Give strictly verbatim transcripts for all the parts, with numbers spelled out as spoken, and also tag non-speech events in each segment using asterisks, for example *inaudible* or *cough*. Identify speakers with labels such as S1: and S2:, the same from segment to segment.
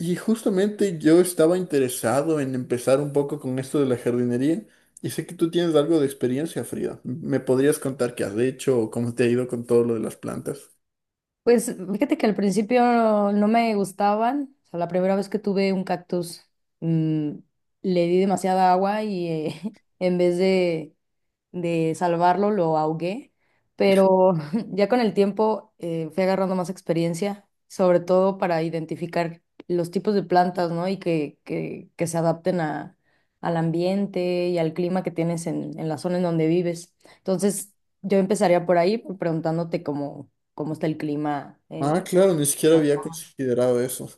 S1: Y justamente yo estaba interesado en empezar un poco con esto de la jardinería y sé que tú tienes algo de experiencia, Frida. ¿Me podrías contar qué has hecho o cómo te ha ido con todo lo de las plantas?
S2: Pues fíjate que al principio no me gustaban. O sea, la primera vez que tuve un cactus, mm, le di demasiada agua y eh, *laughs* en vez de, de salvarlo, lo ahogué, pero *laughs* ya con el tiempo eh, fui agarrando más experiencia, sobre todo para identificar los tipos de plantas, ¿no? Y que, que, que se adapten a, al ambiente y al clima que tienes en, en la zona en donde vives. Entonces, yo empezaría por ahí, preguntándote cómo, cómo está el clima. eh,
S1: Ah, claro, ni siquiera había considerado eso.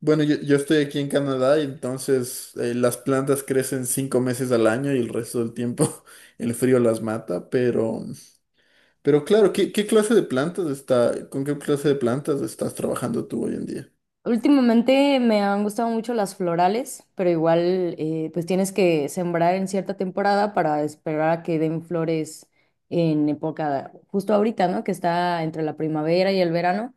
S1: Bueno, yo, yo estoy aquí en Canadá y entonces eh, las plantas crecen cinco meses al año y el resto del tiempo *laughs* el frío las mata, pero, pero claro, ¿qué, qué clase de plantas está, con qué clase de plantas estás trabajando tú hoy en día?
S2: Últimamente me han gustado mucho las florales, pero igual eh, pues tienes que sembrar en cierta temporada para esperar a que den flores en época, justo ahorita, ¿no? Que está entre la primavera y el verano.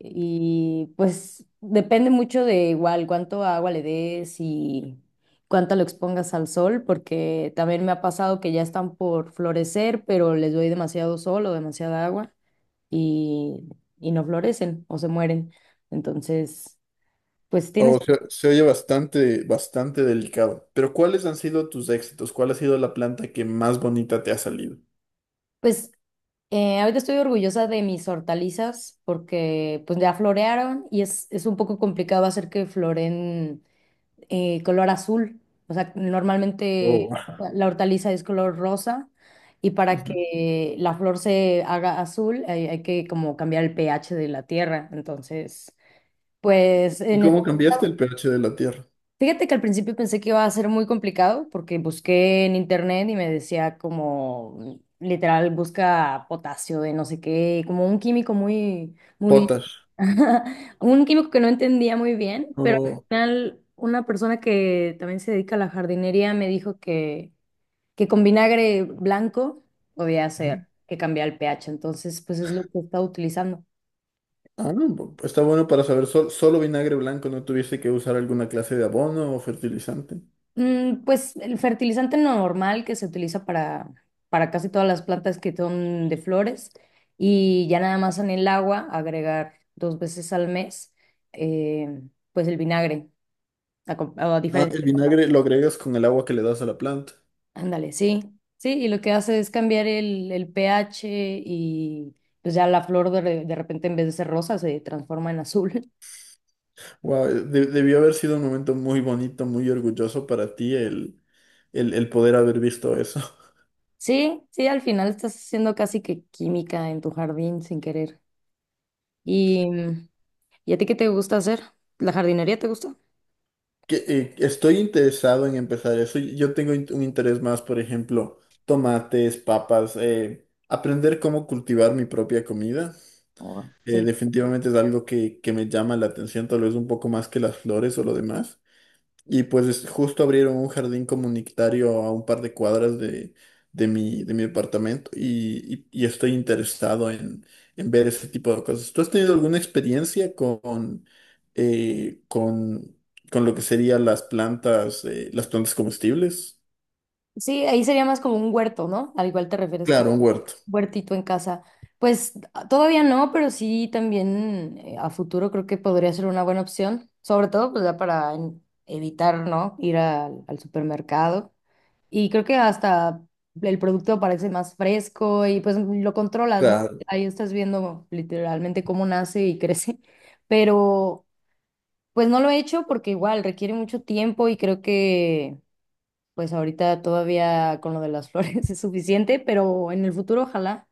S2: Y pues depende mucho de igual cuánto agua le des y cuánto lo expongas al sol, porque también me ha pasado que ya están por florecer, pero les doy demasiado sol o demasiada agua y, y no florecen o se mueren. Entonces. Pues
S1: O
S2: tienes,
S1: sea, se oye bastante, bastante delicado. Pero ¿cuáles han sido tus éxitos? ¿Cuál ha sido la planta que más bonita te ha salido?
S2: pues eh, ahorita estoy orgullosa de mis hortalizas porque pues ya florearon y es, es un poco complicado hacer que floreen eh, color azul. O sea,
S1: Oh.
S2: normalmente la hortaliza es color rosa y para
S1: Ujú.
S2: que la flor se haga azul hay, hay que como cambiar el pH de la tierra. Entonces, pues
S1: ¿Y
S2: en
S1: cómo cambiaste el pH de la tierra?
S2: fíjate que al principio pensé que iba a ser muy complicado porque busqué en internet y me decía como literal busca potasio de no sé qué, como un químico muy, muy,
S1: Potash.
S2: *laughs* un químico que no entendía muy bien, pero al
S1: Oh.
S2: final una persona que también se dedica a la jardinería me dijo que, que con vinagre blanco podía
S1: Ujú.
S2: hacer que cambiara el pH, entonces pues es lo que estaba utilizando.
S1: Ah, no, bu- está bueno para saber. Sol- solo vinagre blanco, no tuviste que usar alguna clase de abono o fertilizante.
S2: Mm, pues el fertilizante normal que se utiliza para, para casi todas las plantas que son de flores y ya nada más en el agua agregar dos veces al mes, eh, pues el vinagre a, com- a
S1: Ah,
S2: diferencia.
S1: el vinagre lo agregas con el agua que le das a la planta.
S2: Ándale, sí, sí, y lo que hace es cambiar el, el pH y pues ya la flor de, re- de repente en vez de ser rosa se transforma en azul. *laughs*
S1: Wow, debió haber sido un momento muy bonito, muy orgulloso para ti el, el, el poder haber visto eso.
S2: Sí, sí, al final estás haciendo casi que química en tu jardín sin querer. y mm, ¿Y a ti qué te gusta hacer? ¿La jardinería te gusta?
S1: que, eh, estoy interesado en empezar eso. Yo tengo in- un interés más, por ejemplo, tomates, papas, eh, aprender cómo cultivar mi propia comida.
S2: Ahora,
S1: Eh,
S2: sí.
S1: definitivamente es algo que, que me llama la atención, tal vez un poco más que las flores o lo demás. Y pues es- justo abrieron un jardín comunitario a un par de cuadras de, de mi, de mi departamento y, y- y estoy interesado en, en ver ese tipo de cosas. ¿Tú has tenido alguna experiencia con, eh, con, con lo que serían las plantas, eh, las plantas comestibles?
S2: Sí, ahí sería más como un huerto, ¿no? Al igual te refieres como
S1: Claro, un huerto.
S2: un huertito en casa. Pues a- todavía no, pero sí también eh, a futuro creo que podría ser una buena opción, sobre todo pues ya para en- evitar, ¿no? Ir al al supermercado. Y creo que hasta el producto parece más fresco y pues lo controlas, ¿no? Ahí estás viendo literalmente cómo nace y *laughs* crece, pero pues no lo he hecho porque igual requiere mucho tiempo y creo que pues ahorita todavía con lo de las flores *laughs* es suficiente, pero en el futuro ojalá,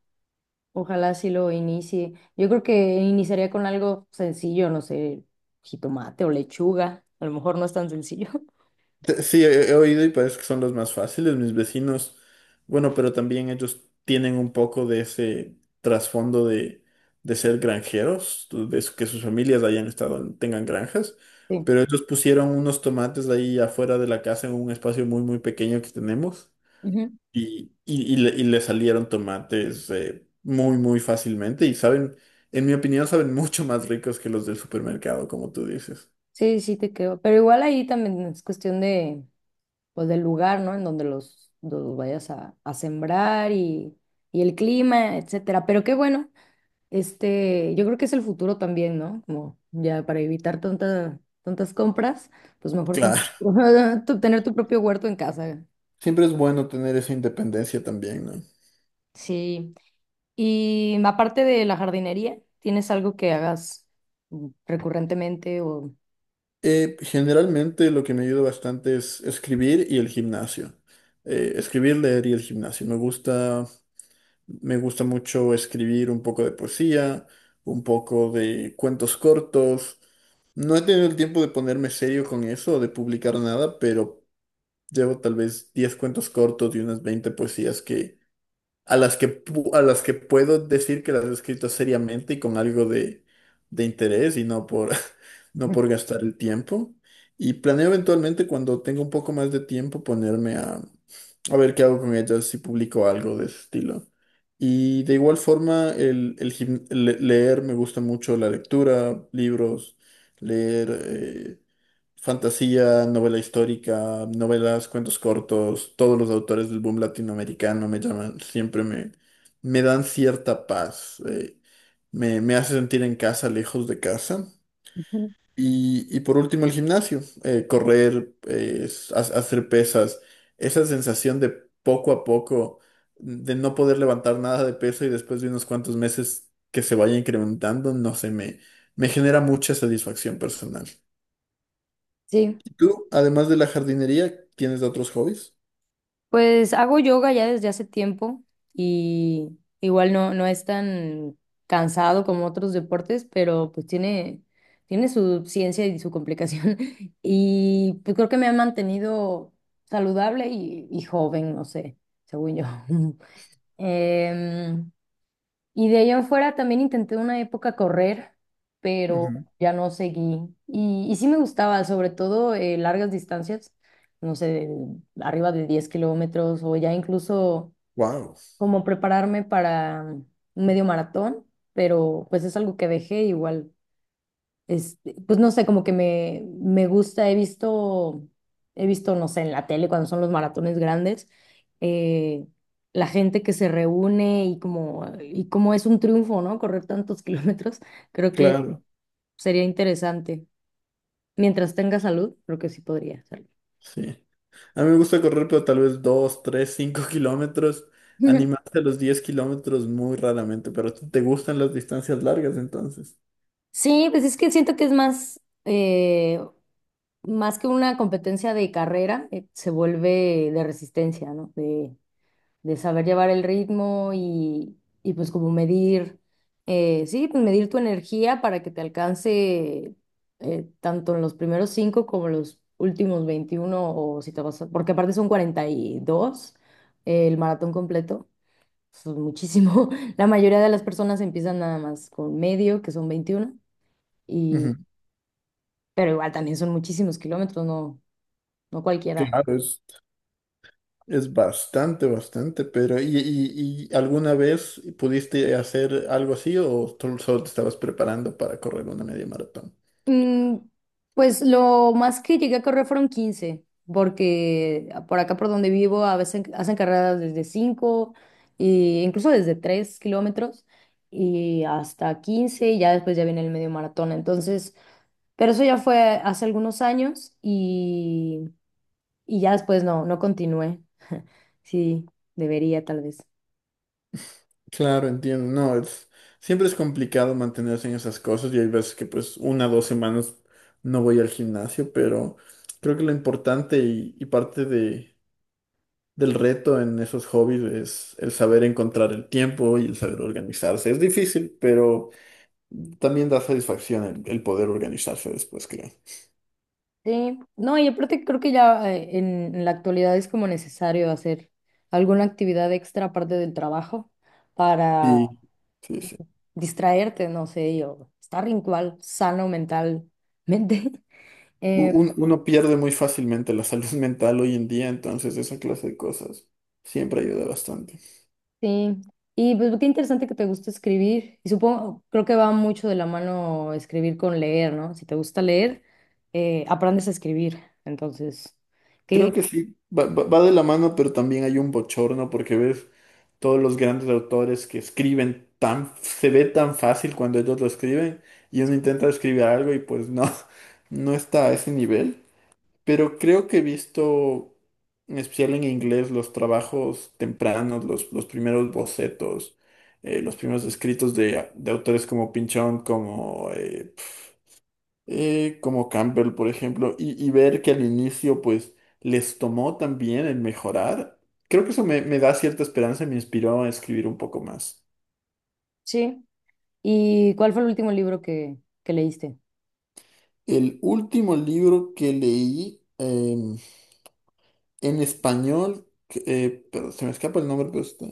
S2: ojalá sí lo inicie. Yo creo que iniciaría con algo sencillo, no sé, jitomate o lechuga, a lo mejor no es tan sencillo. *laughs*
S1: Te- Sí, he, he oído y parece que son los más fáciles, mis vecinos. Bueno, pero también ellos tienen un poco de ese trasfondo de, de ser granjeros, de su- que sus familias hayan estado, tengan granjas.
S2: Sí.
S1: Pero ellos pusieron unos tomates ahí afuera de la casa en un espacio muy, muy pequeño que tenemos.
S2: Ujú.
S1: Y, y, y le, y le salieron tomates eh, muy, muy fácilmente. Y saben, en mi opinión, saben *laughs* mucho más ricos que los del supermercado, como tú dices.
S2: Sí, sí te creo, pero igual ahí también es cuestión de pues del lugar, ¿no? En donde los, los vayas a, a sembrar y, y el clima, etcétera. Pero qué bueno. Este, yo creo que es el futuro también, ¿no? Como ya para evitar tanta, tantas compras, pues mejor ten-
S1: Claro.
S2: *laughs* tu- tener tu propio huerto en casa.
S1: Siempre es bueno tener esa independencia también, ¿no?
S2: Sí. Y aparte de la jardinería, ¿tienes algo que hagas mm, recurrentemente o...?
S1: Eh, generalmente lo que me ayuda bastante es escribir y el gimnasio. Eh, escribir, leer y el gimnasio. Me gusta, me gusta mucho escribir un poco de poesía, un poco de cuentos cortos. No he tenido el tiempo de ponerme serio con eso de publicar nada, pero llevo tal vez diez cuentos cortos y unas veinte poesías que a las que, pu- a las que puedo decir que las he escrito seriamente y con algo de, de interés y no por, *laughs* no por
S2: *laughs*
S1: gastar el tiempo. Y planeo eventualmente cuando tenga un poco más de tiempo ponerme a, a ver qué hago con ellas, si publico algo de ese estilo. Y de igual forma, el, el gim- le- leer, me gusta mucho la lectura, libros, leer. eh, Fantasía, novela histórica, novelas, cuentos cortos, todos los autores del boom latinoamericano me llaman, siempre me, me dan cierta paz, eh, me, me hace sentir en casa, lejos de casa. Y, y por último el gimnasio, eh, correr, eh, s- ha- hacer pesas, esa sensación de poco a poco, de no poder levantar nada de peso y después de unos cuantos meses que se vaya incrementando, no sé, me, me genera mucha satisfacción personal.
S2: Sí.
S1: ¿Tú, además de la jardinería, tienes otros hobbies?
S2: Pues hago yoga ya desde hace tiempo y igual no, no es tan cansado como otros deportes, pero pues tiene, tiene su ciencia y su complicación. *laughs* Y pues creo que me ha mantenido saludable y, y joven, no sé, según yo. *laughs* Em, y de allá afuera también intenté una época correr, pero
S1: Ujú.
S2: ya no seguí. Y, y sí me gustaba, sobre todo eh, largas distancias, no sé, de- arriba de diez kilómetros o ya incluso
S1: Wow.
S2: como prepararme para un medio maratón, pero pues es algo que dejé igual este, pues no sé, como que me, me gusta, he visto, he visto, no sé, en la tele cuando son los maratones grandes, eh, la gente que se reúne y como, y como es un triunfo, ¿no? Correr tantos *laughs* kilómetros, creo que
S1: Claro.
S2: sería interesante. Mientras tenga salud, creo que sí podría hacerlo.
S1: Sí. A mí me gusta correr, pero tal vez dos, tres, cinco *laughs* kilómetros.
S2: *laughs*
S1: Animarse a los diez kilómetros muy raramente, pero te te gustan las distancias largas entonces.
S2: Sí, pues es que siento que es más, eh, más que una competencia de carrera, eh, se vuelve de resistencia, ¿no? De, de saber llevar el ritmo y, y pues como medir, eh, sí, pues medir tu energía para que te alcance eh, tanto en los primeros cinco como en los últimos veintiuno, o si te vas a- porque aparte son cuarenta y dos, eh, el maratón completo, son muchísimo. *laughs* La mayoría de las personas empiezan nada más con medio, que son veintiuno y,
S1: Ujú.
S2: pero igual también son muchísimos kilómetros, no, no cualquiera.
S1: Claro. es- Es bastante, bastante, pero ¿y, y- y alguna vez pudiste hacer algo así o tú solo te estabas preparando para correr una media maratón?
S2: Mm, pues lo más que llegué a correr fueron quince porque por acá por donde vivo a veces hacen carreras desde cinco e incluso desde tres kilómetros y hasta quince y ya después ya viene el medio maratón. Entonces, pero eso ya fue hace algunos años y, y ya después no, no continué. *laughs* Sí, debería tal vez.
S1: Claro, entiendo. No, es, siempre es complicado mantenerse en esas cosas y hay veces que pues una o dos semanas no voy al gimnasio, pero creo que lo importante y, y parte de, del reto en esos hobbies es el saber encontrar el tiempo y el saber organizarse. Es difícil, pero también da satisfacción el, el poder organizarse después, creo.
S2: Sí, no, y aparte creo que ya eh, en, en la actualidad es como necesario hacer alguna actividad extra aparte del trabajo para
S1: Sí, sí, sí.
S2: distraerte, no sé, y, o estar igual sano mentalmente. *laughs*
S1: U-
S2: Eh,
S1: un- uno pierde muy fácilmente la salud *laughs* mental hoy en día, entonces esa clase de cosas siempre ayuda bastante.
S2: sí, y pues qué interesante que te gusta escribir. Y supongo, creo que va mucho de la mano escribir con leer, ¿no? Si te gusta leer, eh, aprendes a escribir. Entonces,
S1: Creo
S2: ¿qué?
S1: que sí, va, va- va de la mano, pero también hay un bochorno porque ves todos los grandes autores que escriben tan, se ve tan fácil cuando ellos lo escriben y
S2: Sí.
S1: uno intenta escribir algo y pues no, *laughs* no está a ese nivel. Pero creo que he visto, en especial en inglés, los trabajos tempranos, los, los primeros bocetos, eh, los primeros escritos de, de autores como Pinchón, como eh, eh, como Campbell, por ejemplo, y, y ver que al inicio, pues, les tomó también el mejorar, creo que eso me, me da cierta esperanza y me inspiró a escribir un poco más.
S2: Sí, ¿y cuál fue el último libro que, que leíste?
S1: El último libro que leí eh, en español, que, eh, pero se me escapa el nombre, pero está...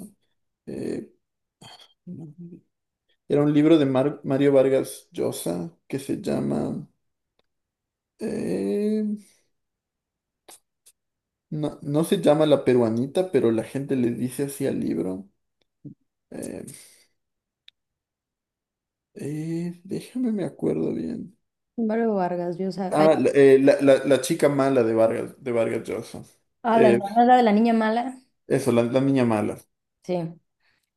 S1: eh, era un libro de Mar- Mario Vargas Llosa que se llama... eh, no, no se llama La Peruanita, pero la gente le dice así al libro. eh, Eh, déjame, me acuerdo bien.
S2: Álvaro Vargas Llosa. Ay,
S1: Ah, la, eh, la- la- la chica mala de Vargas, de Vargas Llosa.
S2: ah, la
S1: Eh,
S2: hermana, la de la niña mala.
S1: Eso, la, la niña mala.
S2: Sí,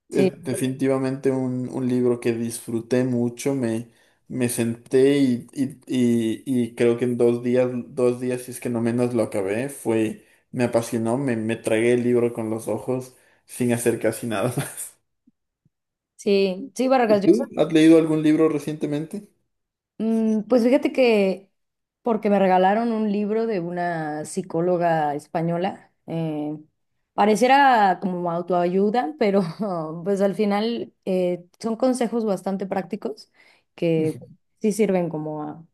S2: sí,
S1: Es definitivamente un, un libro que disfruté mucho. Me, me senté y, y- y- y creo que en dos días, dos días, si es que no menos lo acabé, fue, me apasionó, me, me tragué el libro con los ojos sin hacer casi nada. *laughs*
S2: sí, sí,
S1: ¿Y
S2: Vargas Llosa.
S1: tú? ¿Has leído algún libro recientemente?
S2: Mm, pues fíjate que porque me regalaron un libro de una psicóloga española, eh, pareciera como autoayuda, pero *laughs* pues al final eh, son consejos bastante prácticos que
S1: Ujú.
S2: sí sirven como a,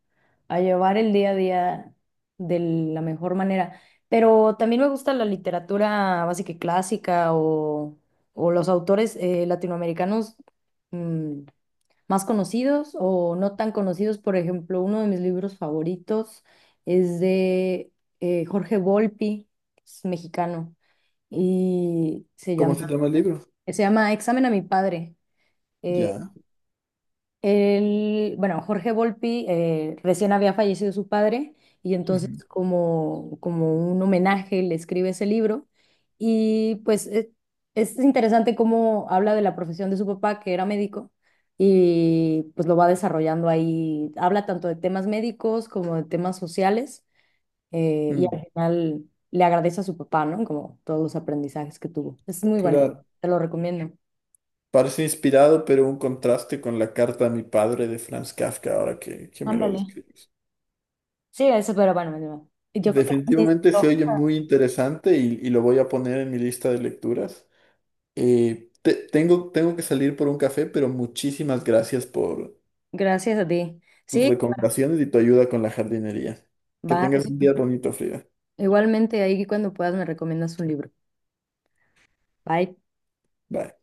S2: a llevar el día a día de la mejor manera. Pero también me gusta la literatura básica y clásica o, o los autores eh, latinoamericanos. mm, Más conocidos o no tan conocidos. Por ejemplo, uno de mis libros favoritos es de eh, Jorge Volpi, es mexicano, y se
S1: ¿Cómo
S2: llama,
S1: se llama el libro?
S2: se llama Examen a mi padre. eh,
S1: Ya.
S2: Él, bueno, Jorge Volpi, eh, recién había fallecido su padre y entonces
S1: Ujú.
S2: como, como un homenaje le escribe ese libro y pues e- es, interesante cómo habla de la profesión de su papá que era médico y pues lo va desarrollando ahí, habla tanto de temas médicos como de temas sociales, eh, y
S1: Mm.
S2: al final le agradece a su papá, ¿no? Como todos los aprendizajes que tuvo. Es muy bueno,
S1: Claro.
S2: te lo recomiendo.
S1: Parece inspirado, pero un contraste con la carta a mi padre de Franz Kafka, ahora que, que me lo
S2: Ándale.
S1: describes.
S2: Sí, eso, pero bueno, yo creo que sí.
S1: Definitivamente se oye muy interesante y, y lo voy a poner en mi lista de lecturas. Eh, te- tengo, tengo que salir por un café, pero muchísimas gracias por
S2: Gracias a ti.
S1: tus
S2: Sí,
S1: recomendaciones y tu ayuda con la jardinería. Que
S2: va.
S1: tengas un día bonito, Frida.
S2: Igualmente ahí cuando puedas me recomiendas un libro. Bye.
S1: Bye.